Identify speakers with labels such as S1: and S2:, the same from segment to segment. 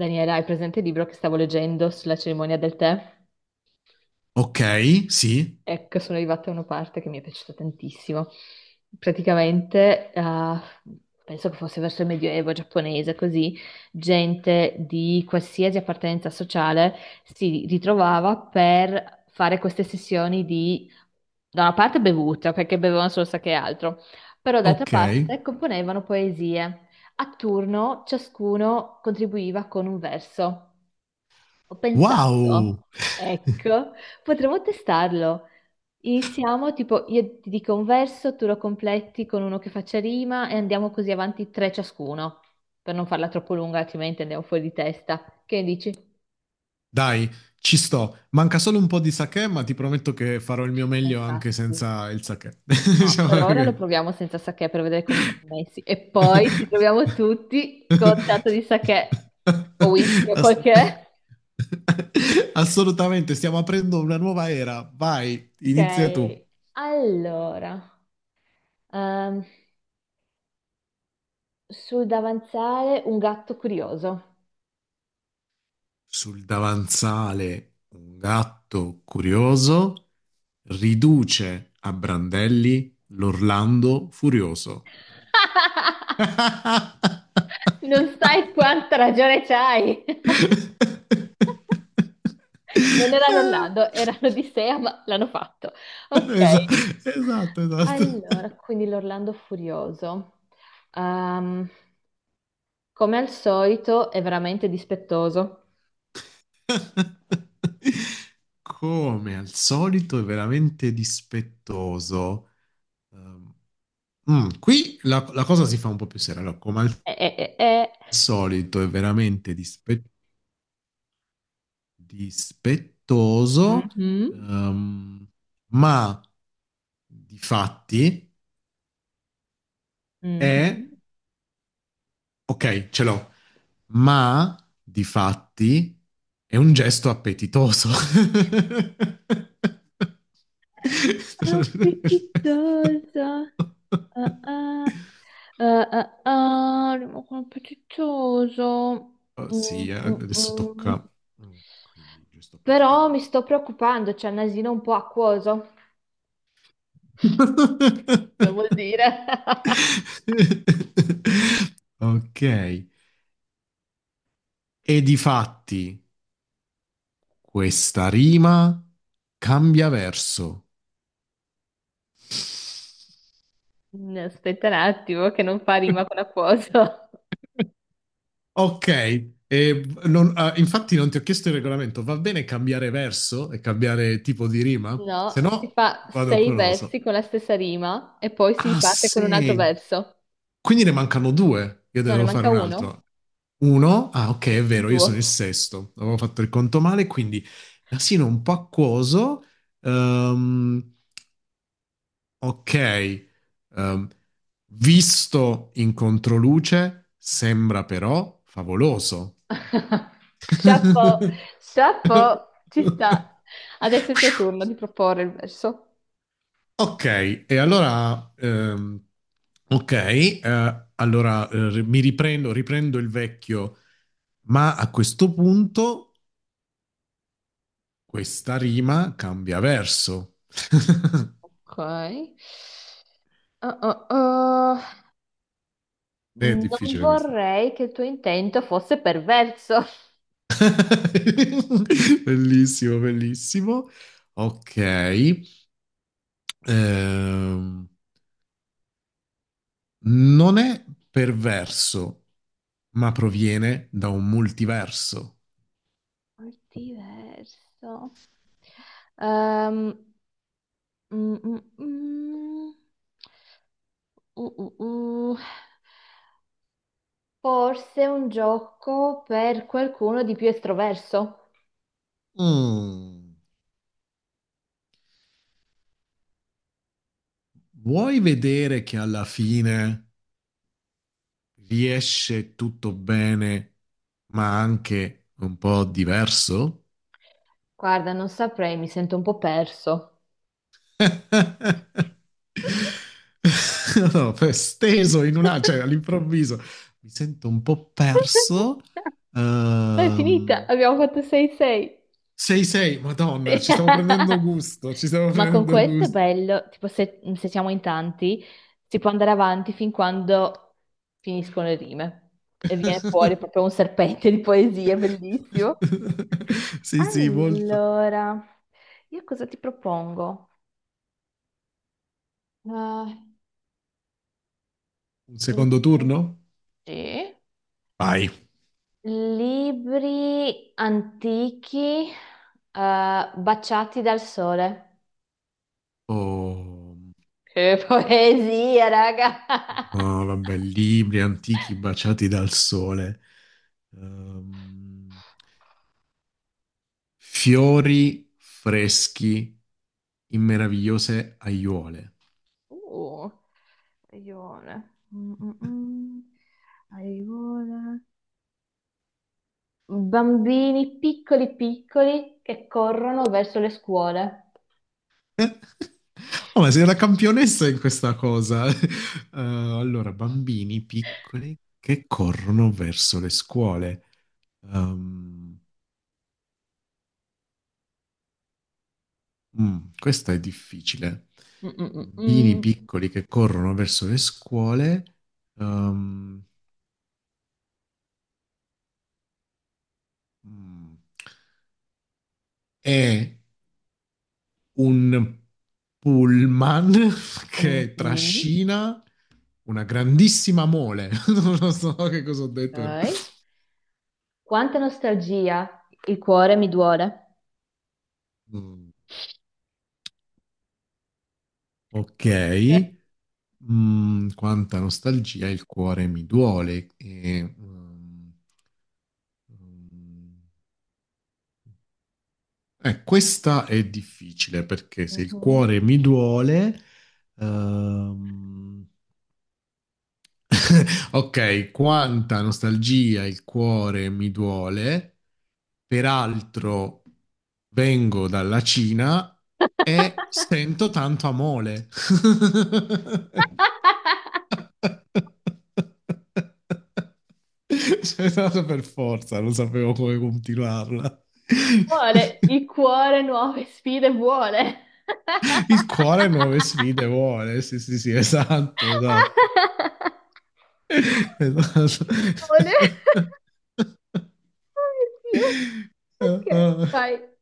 S1: Daniela, hai presente il libro che stavo leggendo sulla cerimonia del tè?
S2: Ok, sì,
S1: Ecco, sono arrivata a una parte che mi è piaciuta tantissimo. Praticamente, penso che fosse verso il Medioevo giapponese, così, gente di qualsiasi appartenenza sociale si ritrovava per fare queste sessioni di, da una parte bevuta, perché bevevano solo sake e altro, però d'altra
S2: ok.
S1: parte componevano poesie. A turno ciascuno contribuiva con un verso. Ho
S2: Wow!
S1: pensato, ecco, potremmo testarlo. Iniziamo, tipo, io ti dico un verso, tu lo completi con uno che faccia rima e andiamo così avanti tre ciascuno, per non farla troppo lunga, altrimenti andiamo fuori di testa. Che ne dici?
S2: Dai, ci sto. Manca solo un po' di sake, ma ti prometto che farò il mio
S1: Ma
S2: meglio anche
S1: infatti.
S2: senza il sake.
S1: No, per
S2: Diciamo
S1: ora lo
S2: che...
S1: proviamo senza sake per vedere come siamo messi e poi ci troviamo tutti con tanto di sake o whisky o quel
S2: Ass-
S1: che è.
S2: Assolutamente, stiamo aprendo una nuova era. Vai, inizia tu.
S1: Ok, allora, ehm, sul davanzale un gatto curioso.
S2: Sul davanzale un gatto curioso riduce a brandelli l'Orlando furioso.
S1: Non sai quanta ragione c'hai. Non erano Orlando, erano Odissea, ma l'hanno fatto. Ok,
S2: Esa- Esatto, esatto.
S1: allora, quindi l'Orlando furioso. Ehm, Come al solito, è veramente dispettoso.
S2: Come al solito è veramente dispettoso. Ehm, qui la cosa si fa un po' più seria. Allora, come al
S1: Eh.
S2: solito è veramente dispettoso,
S1: Mhm,
S2: ehm, ma di fatti è...
S1: mhm.
S2: Ok, ce l'ho, ma di fatti è un gesto appetitoso.
S1: Appetitosa. Ah, ah, ah, ah, ah, rimane appetitoso.
S2: Oh, sì,
S1: Mm, mm,
S2: adesso tocca...
S1: mm.
S2: Quindi, gesto
S1: Però
S2: appetitoso.
S1: mi sto preoccupando, c'è il nasino un po' acquoso. Cosa vuol dire?
S2: Ok, e difatti questa rima cambia verso.
S1: No, aspetta un attimo, che non fa rima con acquoso.
S2: Ok, infatti non ti ho chiesto il regolamento, va bene cambiare verso e cambiare tipo di rima? Se
S1: No, si
S2: no
S1: fa
S2: vado
S1: sei
S2: con
S1: versi
S2: oso.
S1: con la stessa rima e poi si
S2: Ah,
S1: parte con un altro
S2: sei.
S1: verso.
S2: Quindi ne mancano due. Io
S1: No, ne
S2: devo fare
S1: manca
S2: un altro.
S1: uno?
S2: Uno, ah, ok, è
S1: Sì. Il
S2: vero, io sono il
S1: tuo.
S2: sesto. Avevo fatto il conto male, quindi nasino un po' acquoso. Ehm, ok, Ehm, visto in controluce, sembra però favoloso.
S1: Chapeau, chapeau, ci sta. Adesso è il tuo turno di proporre il verso.
S2: Ok, e allora, ok, allora mi riprendo, riprendo il vecchio, ma a questo punto questa rima cambia verso.
S1: Ok. Ah, ah, ah.
S2: È
S1: Non
S2: difficile questa.
S1: vorrei che il tuo intento fosse perverso.
S2: Bellissimo, bellissimo. Ok, ehm, non è perverso, ma proviene da un multiverso.
S1: Diverso. Ehm, mm, mm, mm. Uh, uh, uh. Forse un gioco per qualcuno di più estroverso.
S2: Mm. Vuoi vedere che alla fine riesce tutto bene, ma anche un po' diverso?
S1: Guarda, non saprei, mi sento un po' perso.
S2: No, steso in una, cioè all'improvviso mi sento un po' perso.
S1: No, è finita,
S2: Ehm,
S1: abbiamo fatto 6-6.
S2: 6-6, Madonna, ci stiamo prendendo gusto, ci stiamo
S1: Ma con
S2: prendendo
S1: questo è
S2: gusto.
S1: bello, tipo se siamo in tanti, si può andare avanti fin quando finiscono le rime e viene fuori proprio un serpente di poesie, è bellissimo.
S2: Sì, sì, molto.
S1: Allora, io cosa ti propongo? Ah,
S2: Un
S1: eh,
S2: secondo turno?
S1: sì.
S2: Vai.
S1: Libri antichi, baciati dal sole.
S2: Oh.
S1: Che poesia, raga!
S2: Ah, vabbè, libri antichi baciati dal sole, Ehm, fiori freschi in meravigliose aiuole.
S1: Uh, aione. Mm, mm, mm. Aione. Bambini piccoli piccoli che corrono verso le scuole.
S2: Oh, ma sei una campionessa in questa cosa. Allora, bambini piccoli che corrono verso le scuole. Ehm, questa è difficile.
S1: Mm, mm,
S2: Bambini
S1: mm,
S2: piccoli che corrono verso le scuole. Ehm, mm. È un pullman
S1: mm.
S2: che
S1: Mhm.
S2: trascina una grandissima mole. Non lo so che cosa ho detto.
S1: Ok. Quanta nostalgia, il cuore mi duole.
S2: Mm, ok. Mm, quanta nostalgia, il cuore mi duole. Mm, questa è difficile perché se il
S1: Mhm.
S2: cuore mi duole, ehm, ok, quanta nostalgia il cuore mi duole, peraltro vengo dalla Cina e sento tanto amore. C'è stato per forza, non sapevo come continuarla.
S1: Vuole il cuore nuove sfide, vuole.
S2: Il cuore nuove sfide vuole, sì, sì, sì, esatto, esatto. Esatto.
S1: Ole. Oh mio Dio.
S2: Ah,
S1: Ok.
S2: ah.
S1: Vai.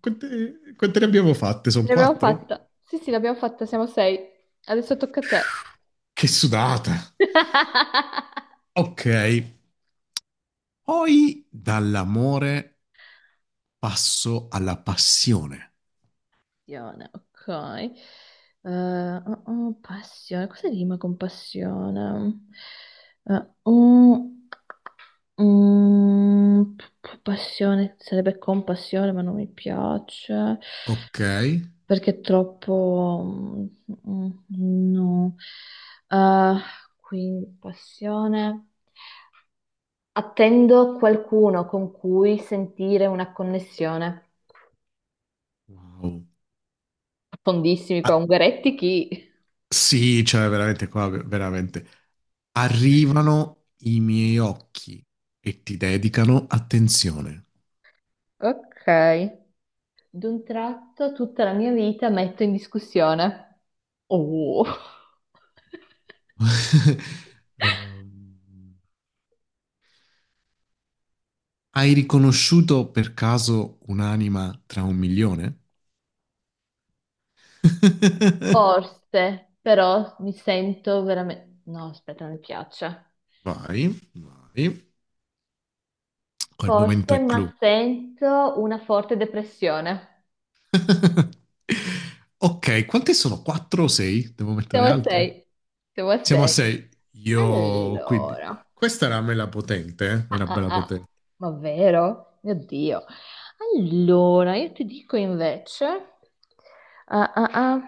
S2: Quante ne abbiamo fatte? Sono
S1: L'abbiamo
S2: quattro?
S1: fatta. Sì, sì, l'abbiamo fatta, siamo sei. Adesso tocca a te.
S2: Che sudata! Ok, poi dall'amore passo alla passione.
S1: Passione, ok. Oh, oh, passione, cosa rima con passione? Oh, mm, passione, sarebbe compassione, ma non mi piace.
S2: Ok.
S1: Perché troppo... mm, no. Eh, quindi, passione. Attendo qualcuno con cui sentire una connessione.
S2: Wow.
S1: Fondissimi qua,
S2: Ah,
S1: Ungaretti chi?
S2: sì, cioè veramente qua, veramente. Arrivano i miei occhi e ti dedicano attenzione.
S1: Ok. D'un tratto tutta la mia vita metto in discussione. Oh.
S2: Ehm, hai riconosciuto per caso un'anima tra un milione?
S1: Forse, però mi sento veramente... No, aspetta, non mi piace.
S2: Vai, vai. Quel momento
S1: Forse,
S2: è clou.
S1: ma sento una forte depressione.
S2: Ok, quante sono? Quattro o sei? Devo
S1: Siamo
S2: mettere
S1: a
S2: altre?
S1: sei. Siamo a
S2: Siamo a
S1: sei.
S2: sei. Io, quindi...
S1: Allora.
S2: Questa era mela potente, eh?
S1: Ah,
S2: Era
S1: ah,
S2: bella
S1: ah.
S2: potente.
S1: Ma vero? Mio Dio. Allora, io ti dico invece. Ah, ah, ah.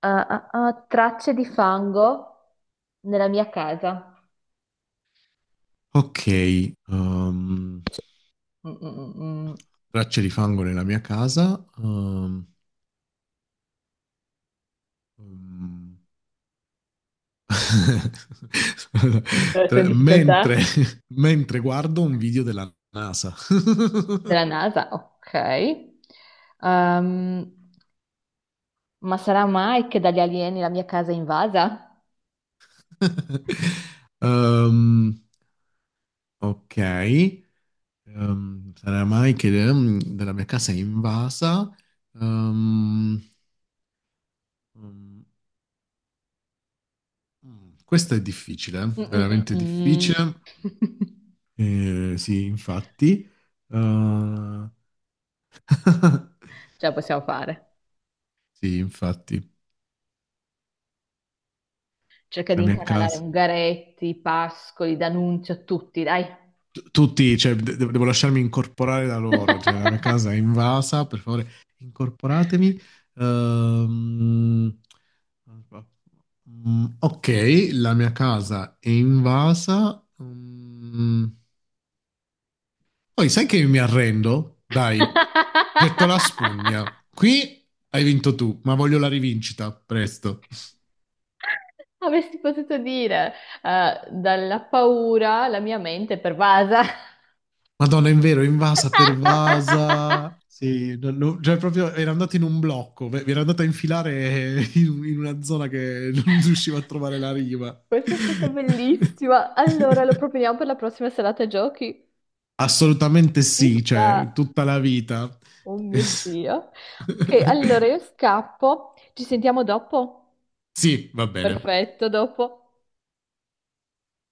S1: Ah, ah, ah. Tracce di fango nella mia casa.
S2: Ok,
S1: Mm, mm, mm, mm.
S2: tracce di fango nella mia casa. Um,
S1: Adesso in
S2: Tre- mentre,
S1: difficoltà?
S2: mentre guardo un video della NASA.
S1: Della NASA, ok. Ehm, ma sarà mai che dagli alieni la mia casa è invasa?
S2: Ehm, ok, sarà mai che della mia casa è invasa. Ehm, mm, questa è difficile,
S1: Mm, mm,
S2: veramente
S1: mm,
S2: difficile.
S1: mm.
S2: Sì, infatti. Eh,
S1: Ce la possiamo fare.
S2: sì, infatti,
S1: Cerca di
S2: la mia
S1: incanalare
S2: casa.
S1: Ungaretti, Pascoli, D'Annunzio, tutti, dai.
S2: Tutti, cioè, devo lasciarmi incorporare da loro, cioè, la mia casa è invasa, per favore, incorporatemi. Ehm, ok, la mia casa è invasa. Mm, poi sai che mi arrendo? Dai, getto la spugna. Qui hai vinto tu, ma voglio la rivincita, presto.
S1: Avresti potuto dire, dalla paura la mia mente è pervasa.
S2: Madonna, in vero, invasa, pervasa. Sì, cioè proprio era andata in un blocco, era andata a infilare in, in una zona che non riusciva a trovare la riva.
S1: Questa è stata bellissima. Allora, lo proponiamo per la prossima serata giochi.
S2: Assolutamente
S1: Ci
S2: sì,
S1: sta.
S2: cioè, tutta la vita.
S1: Oh mio Dio. Ok, allora io scappo. Ci sentiamo dopo?
S2: Sì, va bene.
S1: Perfetto, dopo.